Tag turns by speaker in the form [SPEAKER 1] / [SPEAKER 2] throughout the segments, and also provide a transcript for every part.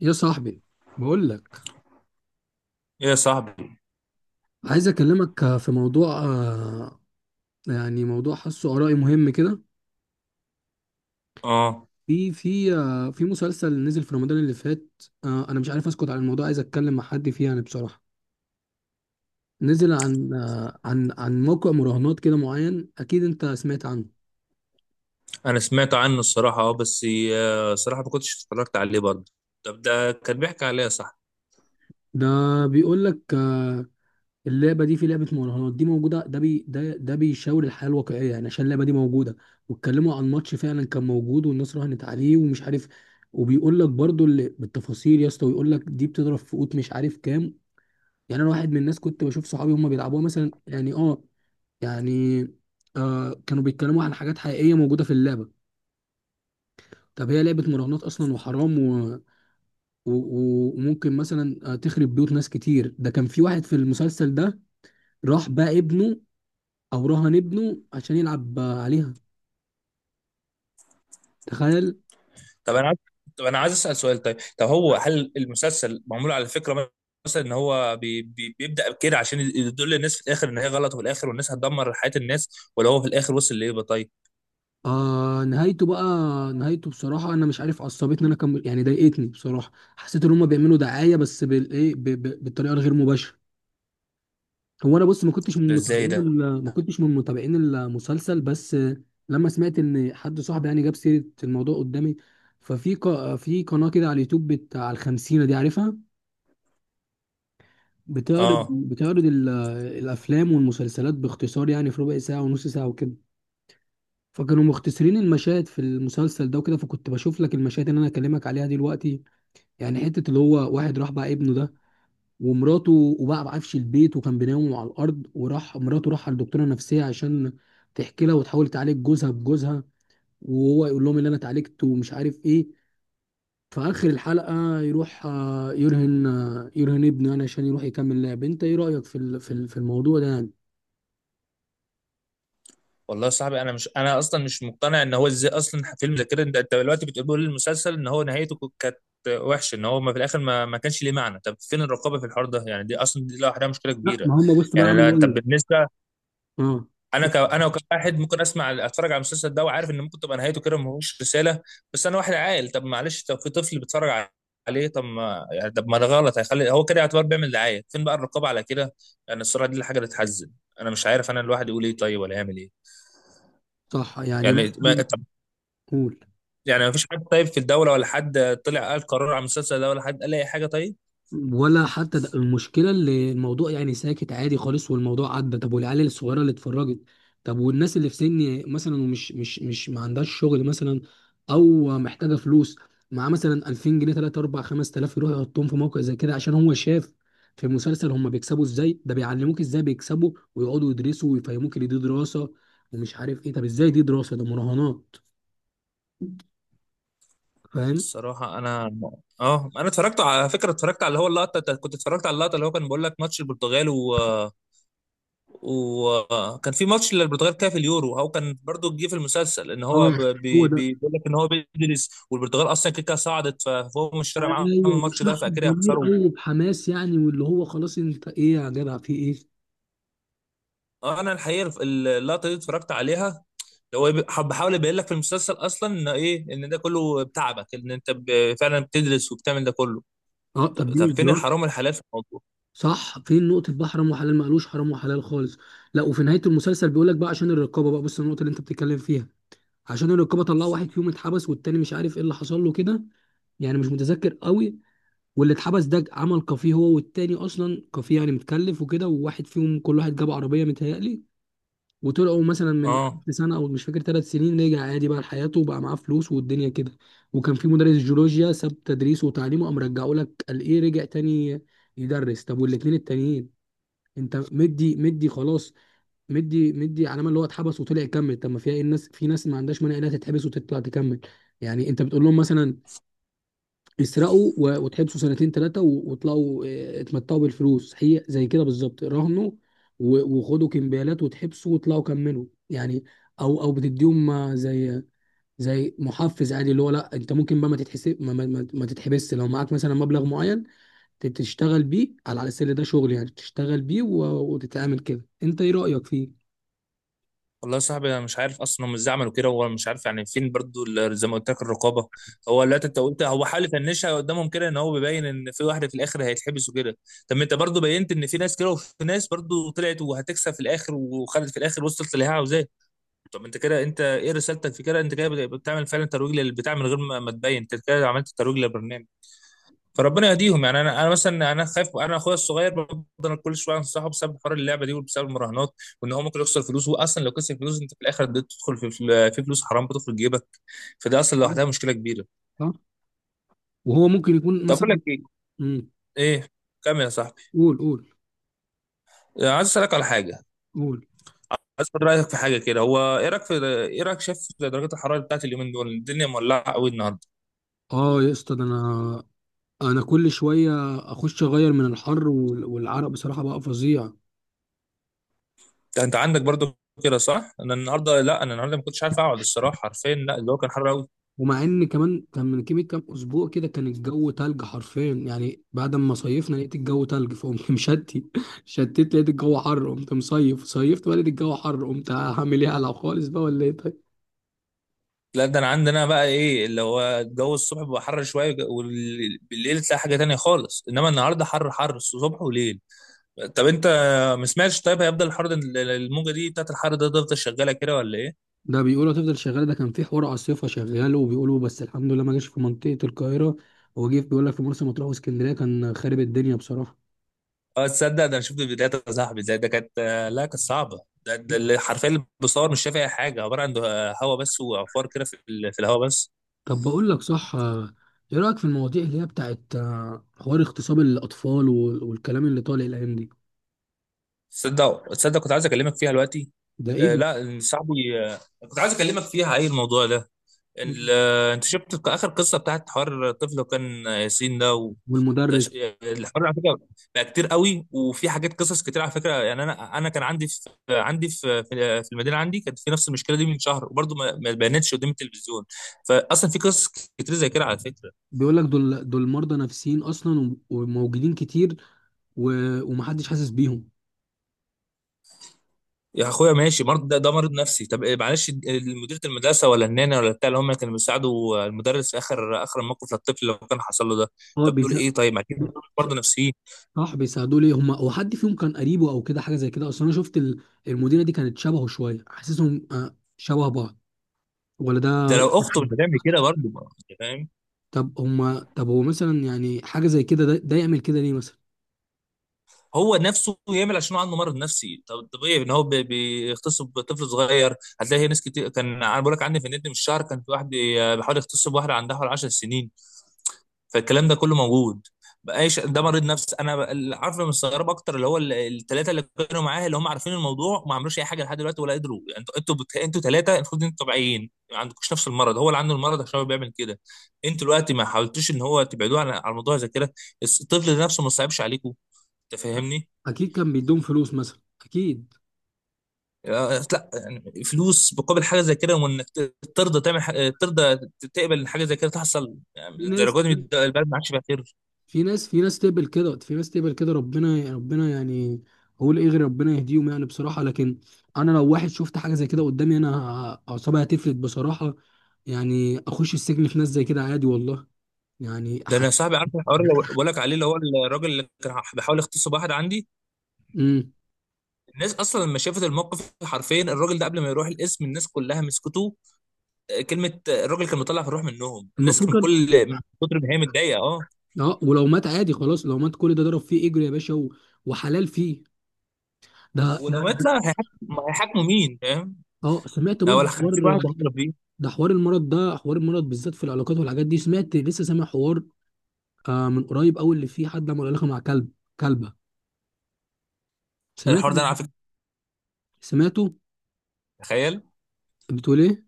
[SPEAKER 1] يا صاحبي، بقول لك
[SPEAKER 2] ايه يا صاحبي.
[SPEAKER 1] عايز اكلمك في موضوع، يعني موضوع حاسه ارائي مهم كده.
[SPEAKER 2] اه
[SPEAKER 1] في مسلسل نزل في رمضان اللي فات. انا مش عارف اسكت عن الموضوع، عايز اتكلم مع حد فيه يعني بصراحة. نزل عن آه، عن عن موقع مراهنات كده معين، اكيد انت سمعت عنه.
[SPEAKER 2] انا سمعت عنه الصراحه، بس صراحه ما كنتش اتفرجت عليه برضه. طب ده كان بيحكي عليه يا صاحبي؟
[SPEAKER 1] ده بيقول لك اللعبه دي، في لعبه مراهنات دي موجوده، ده بي ده ده بيشاور الحياه الواقعيه يعني، عشان اللعبه دي موجوده. واتكلموا عن ماتش فعلا كان موجود والناس راهنت عليه ومش عارف. وبيقول لك برضو اللي بالتفاصيل يا اسطى، ويقول لك دي بتضرب في قوت مش عارف كام. يعني انا واحد من الناس كنت بشوف صحابي هم بيلعبوها مثلا، يعني اه يعني كانوا بيتكلموا عن حاجات حقيقيه موجوده في اللعبه. طب هي لعبه مراهنات اصلا، وحرام وممكن مثلا تخرب بيوت ناس كتير. ده كان في واحد في المسلسل ده، راح بقى ابنه، او رهن ابنه عشان يلعب عليها، تخيل.
[SPEAKER 2] طب انا عايز طب انا عايز اسال سؤال. طيب، طب هو هل المسلسل معمول على فكره مثلا ان هو بيبدا كده عشان يدل الناس في الاخر ان هي غلط، وفي الاخر والناس هتدمر حياه الناس؟ ولا هو في الاخر وصل لايه بقى؟ طيب،
[SPEAKER 1] آه نهايته بقى نهايته بصراحة أنا مش عارف، عصبتني أنا كم يعني، ضايقتني بصراحة. حسيت إن هما بيعملوا دعاية، بس بال إيه، بالطريقة الغير مباشرة. هو أنا بص، ما كنتش من
[SPEAKER 2] ده ازاي
[SPEAKER 1] متابعين
[SPEAKER 2] ده؟
[SPEAKER 1] ال- ما كنتش من متابعين المسلسل، بس لما سمعت إن حد صاحبي يعني جاب سيرة الموضوع قدامي. في قناة كده على اليوتيوب، بتاع الخمسينة دي، عارفها، بتعرض
[SPEAKER 2] اه
[SPEAKER 1] بتعرض ال- الأفلام والمسلسلات باختصار، يعني في ربع ساعة ونص ساعة وكده. فكانوا مختصرين المشاهد في المسلسل ده وكده، فكنت بشوف لك المشاهد اللي انا اكلمك عليها دلوقتي. يعني حته اللي هو واحد راح بقى ابنه ده ومراته، وبقى بعفش البيت وكان بينام على الارض، وراح مراته راح على الدكتوره النفسيه عشان تحكي لها وتحاول تعالج جوزها بجوزها، وهو يقول لهم اللي انا اتعالجت ومش عارف ايه. في اخر الحلقه يروح يرهن ابنه يعني، عشان يروح يكمل لعب. انت ايه رايك في الموضوع ده يعني؟
[SPEAKER 2] والله يا صاحبي، انا مش، انا اصلا مش مقتنع ان هو ازاي اصلا فيلم زي كده. انت انت دلوقتي بتقول المسلسل ان هو نهايته كانت وحشه، ان هو ما في الاخر ما كانش ليه معنى. طب فين الرقابه في الحوار ده يعني؟ دي اصلا دي لوحدها مشكله
[SPEAKER 1] لا،
[SPEAKER 2] كبيره.
[SPEAKER 1] ما هم بص بقى
[SPEAKER 2] يعني انا،
[SPEAKER 1] عملوا
[SPEAKER 2] طب
[SPEAKER 1] ايه.
[SPEAKER 2] بالنسبه
[SPEAKER 1] اه،
[SPEAKER 2] انا انا كواحد ممكن اسمع اتفرج على المسلسل ده وعارف ان ممكن تبقى نهايته كده ما هوش رساله، بس انا واحد عاقل. طب معلش، طب في طفل بيتفرج عليه. طب ما يعني، طب ما ده غلط، هيخلي هو كده يعتبر بيعمل دعايه. فين بقى الرقابه على كده يعني؟ الصراحه دي الحاجه اللي تحزن. انا مش عارف انا الواحد يقول ايه طيب ولا يعمل ايه.
[SPEAKER 1] صح، يعني
[SPEAKER 2] يعني ما...
[SPEAKER 1] مثلا،
[SPEAKER 2] طب،
[SPEAKER 1] قول.
[SPEAKER 2] يعني مفيش حد طيب في الدولة ولا حد طلع قال قرار على المسلسل ده ولا حد قال أي حاجة طيب؟
[SPEAKER 1] ولا حتى ده المشكله، اللي الموضوع يعني ساكت عادي خالص والموضوع عدى. طب والعيال الصغيره اللي اتفرجت؟ طب والناس اللي في سني مثلا ومش مش مش ما عندهاش شغل مثلا، او محتاجه فلوس، مع مثلا 2000 جنيه 3 4 5000 يروح يحطهم في موقع زي كده، عشان هو شاف في مسلسل هم بيكسبوا ازاي، ده بيعلموك ازاي بيكسبوا، ويقعدوا يدرسوا ويفهموك ان دي دراسه ومش عارف ايه. طب ازاي دي دراسه؟ ده مراهنات، فاهم.
[SPEAKER 2] الصراحة أنا، اه أنا اتفرجت على فكرة، اتفرجت على اللي هو اللقطة، كنت اتفرجت على اللقطة اللي هو كان بيقول لك ماتش البرتغال. و وكان في ماتش للبرتغال كده في اليورو، هو كان برضو جه في المسلسل ان هو
[SPEAKER 1] اه، هو ده.
[SPEAKER 2] بيقول لك ان هو بيدرس، والبرتغال اصلا كده كده صعدت، فهو مش فارق معاهم
[SPEAKER 1] ايوه،
[SPEAKER 2] الماتش ده
[SPEAKER 1] بشحن
[SPEAKER 2] فاكيد
[SPEAKER 1] ضمير
[SPEAKER 2] هيخسروا.
[SPEAKER 1] او بحماس يعني، واللي هو خلاص، انت ايه يا جدع، في ايه.
[SPEAKER 2] اه انا الحقيقه اللقطه دي اتفرجت عليها. هو بحاول يبين لك في المسلسل اصلا ان ايه، ان ده كله بتعبك ان انت فعلا بتدرس وبتعمل ده كله.
[SPEAKER 1] اه، طب
[SPEAKER 2] طب،
[SPEAKER 1] دي
[SPEAKER 2] طب
[SPEAKER 1] مش
[SPEAKER 2] فين
[SPEAKER 1] ضرار.
[SPEAKER 2] الحرام والحلال في الموضوع؟
[SPEAKER 1] صح، فين نقطه بقى حرام وحلال؟ ما قالوش حرام وحلال خالص. لا، وفي نهايه المسلسل بيقول لك بقى، عشان الرقابه بقى، بص النقطه اللي انت بتتكلم فيها، عشان الرقابه طلعوا واحد فيهم اتحبس، والتاني مش عارف ايه اللي حصل له كده، يعني مش متذكر قوي. واللي اتحبس ده عمل كافيه هو والتاني، اصلا كافيه يعني متكلف وكده، وواحد فيهم كل واحد جاب عربيه متهيألي، وطلعوا مثلا من ألف
[SPEAKER 2] اه
[SPEAKER 1] سنه او مش فاكر 3 سنين، رجع عادي بقى لحياته وبقى معاه فلوس والدنيا كده. وكان في مدرس جيولوجيا ساب تدريسه وتعليمه، قام رجعه لك قال ايه، رجع تاني يدرس. طب والاثنين التانيين؟ انت مدي مدي خلاص، مدي مدي علامه اللي هو اتحبس وطلع يكمل. طب ما فيها ايه؟ الناس، في ناس ما عندهاش مانع انها تتحبس وتطلع تكمل. يعني انت بتقول لهم مثلا تسرقوا وتحبسوا سنتين ثلاثة وتلاقوا اتمتعوا بالفلوس، هي زي كده بالظبط راهنوا وخدوا كمبيالات وتحبسوا وتلاقوا كملوا يعني. او بتديهم زي محفز عادي، اللي هو لا، انت ممكن بقى ما تتحسب، ما تتحبس لو معاك مثلا مبلغ معين، تشتغل بيه على السل ده شغل يعني، تشتغل بيه وتتعامل كده. انت ايه رأيك فيه؟
[SPEAKER 2] والله يا صاحبي انا مش عارف اصلا هم ازاي عملوا كده. هو مش عارف يعني فين برضو زي ما قلت لك الرقابه. هو، لا انت قلت هو حاول يفنشها قدامهم كده ان هو بيبين ان في واحده في الاخر هيتحبس وكده. طب ما انت برضو بينت ان في ناس كده وفي ناس برضو طلعت وهتكسب في الاخر، وخدت في الاخر وصلت اللي هي عاوزاه. طب انت كده انت ايه رسالتك في كده؟ انت كده بتعمل فعلا ترويج للبتاع من غير ما، ما تبين. انت كده عملت ترويج للبرنامج. فربنا يهديهم يعني. انا انا مثلا انا خايف، انا اخويا الصغير بفضل كل شويه انصحه بسبب حوار اللعبه دي وبسبب المراهنات، وان هو ممكن يخسر فلوس. هو اصلا لو خسر فلوس انت في الاخر بتدخل في فلوس حرام بتدخل جيبك. فده اصلا لوحدها مشكله كبيره.
[SPEAKER 1] صح؟ وهو ممكن يكون
[SPEAKER 2] طب اقول
[SPEAKER 1] مثلا.
[SPEAKER 2] لك ايه؟
[SPEAKER 1] مم.
[SPEAKER 2] ايه كمل يا صاحبي.
[SPEAKER 1] قول قول.
[SPEAKER 2] عايز اسالك على حاجه.
[SPEAKER 1] قول.
[SPEAKER 2] عايز اخد رايك في حاجه كده. هو ايه رايك في، ايه رايك، شايف درجات الحراره بتاعت اليومين دول؟ الدنيا مولعه قوي النهارده.
[SPEAKER 1] اه يا اسطى، ده انا كل شويه اخش اغير من الحر والعرق، بصراحه بقى فظيع.
[SPEAKER 2] أنت عندك برضو كده صح؟ انا النهارده، لا انا النهارده ما كنتش عارف اقعد الصراحه حرفيا، لا الجو كان حر قوي.
[SPEAKER 1] ومع ان كمان كان من كيمي كام اسبوع كده، كان الجو تلج حرفيا يعني، بعد ما صيفنا لقيت الجو تلج، فقمت شتت، لقيت الجو حر قمت مصيف، صيفت بقى لقيت الجو حر، قمت هعمل ايه، هلعب خالص بقى ولا ايه طيب.
[SPEAKER 2] لا ده انا عندنا بقى ايه اللي هو الجو الصبح بيبقى حر شويه، وبالليل تلاقي حاجه تانية خالص، انما النهارده حر حر صبح وليل. طب انت ما سمعتش طيب هيفضل الحر ده، الموجه دي بتاعت الحر ده تفضل شغاله كده ولا ايه؟
[SPEAKER 1] ده بيقولوا هتفضل شغاله، ده كان في حوار عاصفه شغال وبيقولوا بس الحمد لله ما جاش في منطقه القاهره. هو جه بيقول لك في مرسى مطروح واسكندريه كان خارب الدنيا بصراحه.
[SPEAKER 2] اه تصدق ده انا شفت فيديوهات يا صاحبي زي ده، كانت، لا كانت صعبه. ده اللي حرفيا اللي بيصور مش شايف اي حاجه، عباره عن هواء بس وعفار كده في الهواء بس.
[SPEAKER 1] طب بقول لك صح، ايه رأيك في المواضيع اللي هي بتاعت حوار اغتصاب الأطفال والكلام اللي طالع الأيام دي.
[SPEAKER 2] تصدق تصدق كنت عايز اكلمك فيها دلوقتي.
[SPEAKER 1] ده ايه
[SPEAKER 2] آه
[SPEAKER 1] ده.
[SPEAKER 2] لا صاحبي، كنت عايز اكلمك فيها. ايه الموضوع ده ال-
[SPEAKER 1] مم.
[SPEAKER 2] انت شفت اخر قصه بتاعت حوار الطفل وكان ياسين ده؟
[SPEAKER 1] والمدرس.
[SPEAKER 2] وتش... الحوار على فكره بقى كتير قوي، وفي حاجات قصص كتير على فكره. يعني انا انا كان عندي في المدينه عندي، كانت في نفس المشكله دي من شهر، وبرضه ما بانتش قدام التلفزيون. فاصلا في قصص كتير زي كده على فكره.
[SPEAKER 1] بيقول لك دول دول مرضى نفسيين أصلا، وموجودين كتير، ومحدش حاسس بيهم.
[SPEAKER 2] يا اخويا ماشي مرض، ده مرض نفسي. طب إيه، معلش، مديره المدرسه ولا النانا ولا بتاع اللي هم كانوا بيساعدوا المدرس في اخر اخر الموقف للطفل لو كان حصل له ده؟
[SPEAKER 1] هو
[SPEAKER 2] طب دول
[SPEAKER 1] بيسا...
[SPEAKER 2] ايه طيب؟ ما أكيد دول
[SPEAKER 1] بي-
[SPEAKER 2] مرضى نفسيين.
[SPEAKER 1] صح، بيساعدوه ليه؟ هما هو حد فيهم كان قريبه أو كده حاجة زي كده؟ أصلا أنا شفت المديرة دي كانت شبهه شوية، حاسسهم شبه بعض، ولا ده؟
[SPEAKER 2] ده لو اخته مش هتعمل كده برضه، أنت فاهم؟
[SPEAKER 1] طب هو مثلا يعني حاجة زي كده، ده يعمل كده ليه مثلا.
[SPEAKER 2] هو نفسه يعمل عشان هو عنده مرض نفسي، طب طبيعي ان هو بيغتصب طفل صغير؟ هتلاقي ناس كتير، كان انا بقول لك عندي في النت من الشهر كان في واحد بيحاول يغتصب واحده عندها حوالي 10 سنين. فالكلام ده كله موجود. بقاش ده مريض نفسي، انا اللي عارف، اللي مستغرب اكتر اللي هو الثلاثه اللي كانوا معاه، اللي هم عارفين الموضوع وما عملوش اي حاجه لحد دلوقتي ولا قدروا. يعني انتوا ثلاثه المفروض انتوا طبيعيين ما عندكوش نفس المرض، هو اللي عنده المرض عشان هو بيعمل كده. انتوا دلوقتي ما حاولتوش ان هو تبعدوه عن على الموضوع زي كده؟ الطفل ده نفسه ما صعبش عليكم؟ انت فاهمني؟
[SPEAKER 1] اكيد كان بيدوم فلوس مثلا، اكيد.
[SPEAKER 2] لا يعني فلوس مقابل حاجه زي كده، وانك ترضى تعمل حاجة، ترضى تقبل إن حاجه زي كده تحصل؟ يعني
[SPEAKER 1] في ناس
[SPEAKER 2] الدرجات دي، البلد ما عادش فيها خير.
[SPEAKER 1] في ناس تقبل كده، ربنا ربنا يعني. اقول ايه غير ربنا يهديهم يعني بصراحه. لكن انا لو واحد شفت حاجه زي كده قدامي، انا اعصابي هتفلت بصراحه، يعني اخش السجن في ناس زي كده عادي والله. يعني
[SPEAKER 2] ده انا صاحبي عارف الحوار اللي بقول لك عليه اللي هو الراجل اللي كان بيحاول يغتصب واحد عندي،
[SPEAKER 1] امم
[SPEAKER 2] الناس اصلا لما شافت الموقف حرفيا الراجل ده قبل ما يروح القسم الناس كلها مسكته. كلمه، الراجل كان مطلع في الروح منهم
[SPEAKER 1] المفروض
[SPEAKER 2] الناس، من
[SPEAKER 1] كان.
[SPEAKER 2] كل من كتر ما هي متضايقه. اه
[SPEAKER 1] اه، ولو مات عادي خلاص، لو مات كل ده ضرب فيه اجر يا باشا وحلال فيه. ده
[SPEAKER 2] ولو
[SPEAKER 1] ده-
[SPEAKER 2] مات لا هيحاكموا، هيحاكموا مين فاهم؟
[SPEAKER 1] اه، سمعت
[SPEAKER 2] لا ولا
[SPEAKER 1] برضه حوار.
[SPEAKER 2] 50 واحد هيعملوا فيه.
[SPEAKER 1] ده حوار المرض بالذات في العلاقات والحاجات دي، لسه سامع حوار، آه من قريب قوي، اللي فيه حد عمل علاقه مع كلب، كلبه. سمعته
[SPEAKER 2] الحوار ده انا على فكره،
[SPEAKER 1] سمعته
[SPEAKER 2] تخيل،
[SPEAKER 1] بتقول ايه؟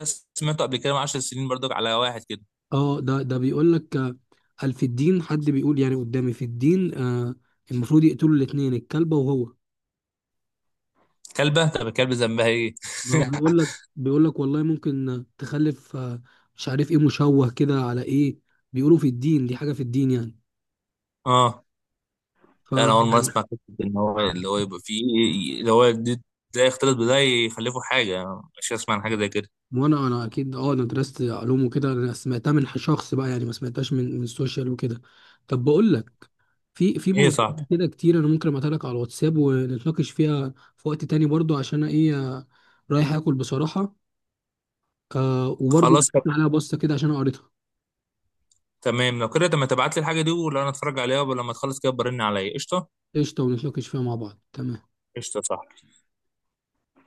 [SPEAKER 2] بس سمعته قبل كده من 10 سنين برضك على واحد كده.
[SPEAKER 1] اه، ده بيقول لك، آه، قال في الدين، حد بيقول يعني قدامي في الدين، آه، المفروض يقتلوا الاثنين، الكلبه وهو.
[SPEAKER 2] كلبه، طب الكلب ذنبها ايه؟
[SPEAKER 1] ما هو بيقول لك والله ممكن تخلف، آه مش عارف ايه، مشوه كده على ايه، بيقولوا في الدين دي حاجه في الدين يعني.
[SPEAKER 2] اه
[SPEAKER 1] ف
[SPEAKER 2] لا انا اول مره اسمع فكره ان هو اللي هو يبقى فيه اللي هو ده يختلط بده يخلفوا حاجه. مش هسمع عن حاجه زي كده.
[SPEAKER 1] وانا اكيد، اه انا درست علوم وكده، انا سمعتها من شخص بقى يعني، ما سمعتهاش من السوشيال وكده. طب بقول لك، في
[SPEAKER 2] ايه يا
[SPEAKER 1] مواضيع
[SPEAKER 2] صاحبي؟
[SPEAKER 1] كده كتير، انا ممكن ابعتها لك على الواتساب ونتناقش فيها في وقت تاني برضو. عشان انا ايه، رايح اكل بصراحة. وبرضو
[SPEAKER 2] خلاص طب،
[SPEAKER 1] عليها بصة كده، عشان أنا قريتها.
[SPEAKER 2] تمام لو كده. طب ما تبعت لي الحاجه دي، ولو انا اتفرج عليها ولما تخلص كده برن عليا قشطه.
[SPEAKER 1] قشطة، ونتناقش فيها مع بعض، تمام.
[SPEAKER 2] قشطه صح.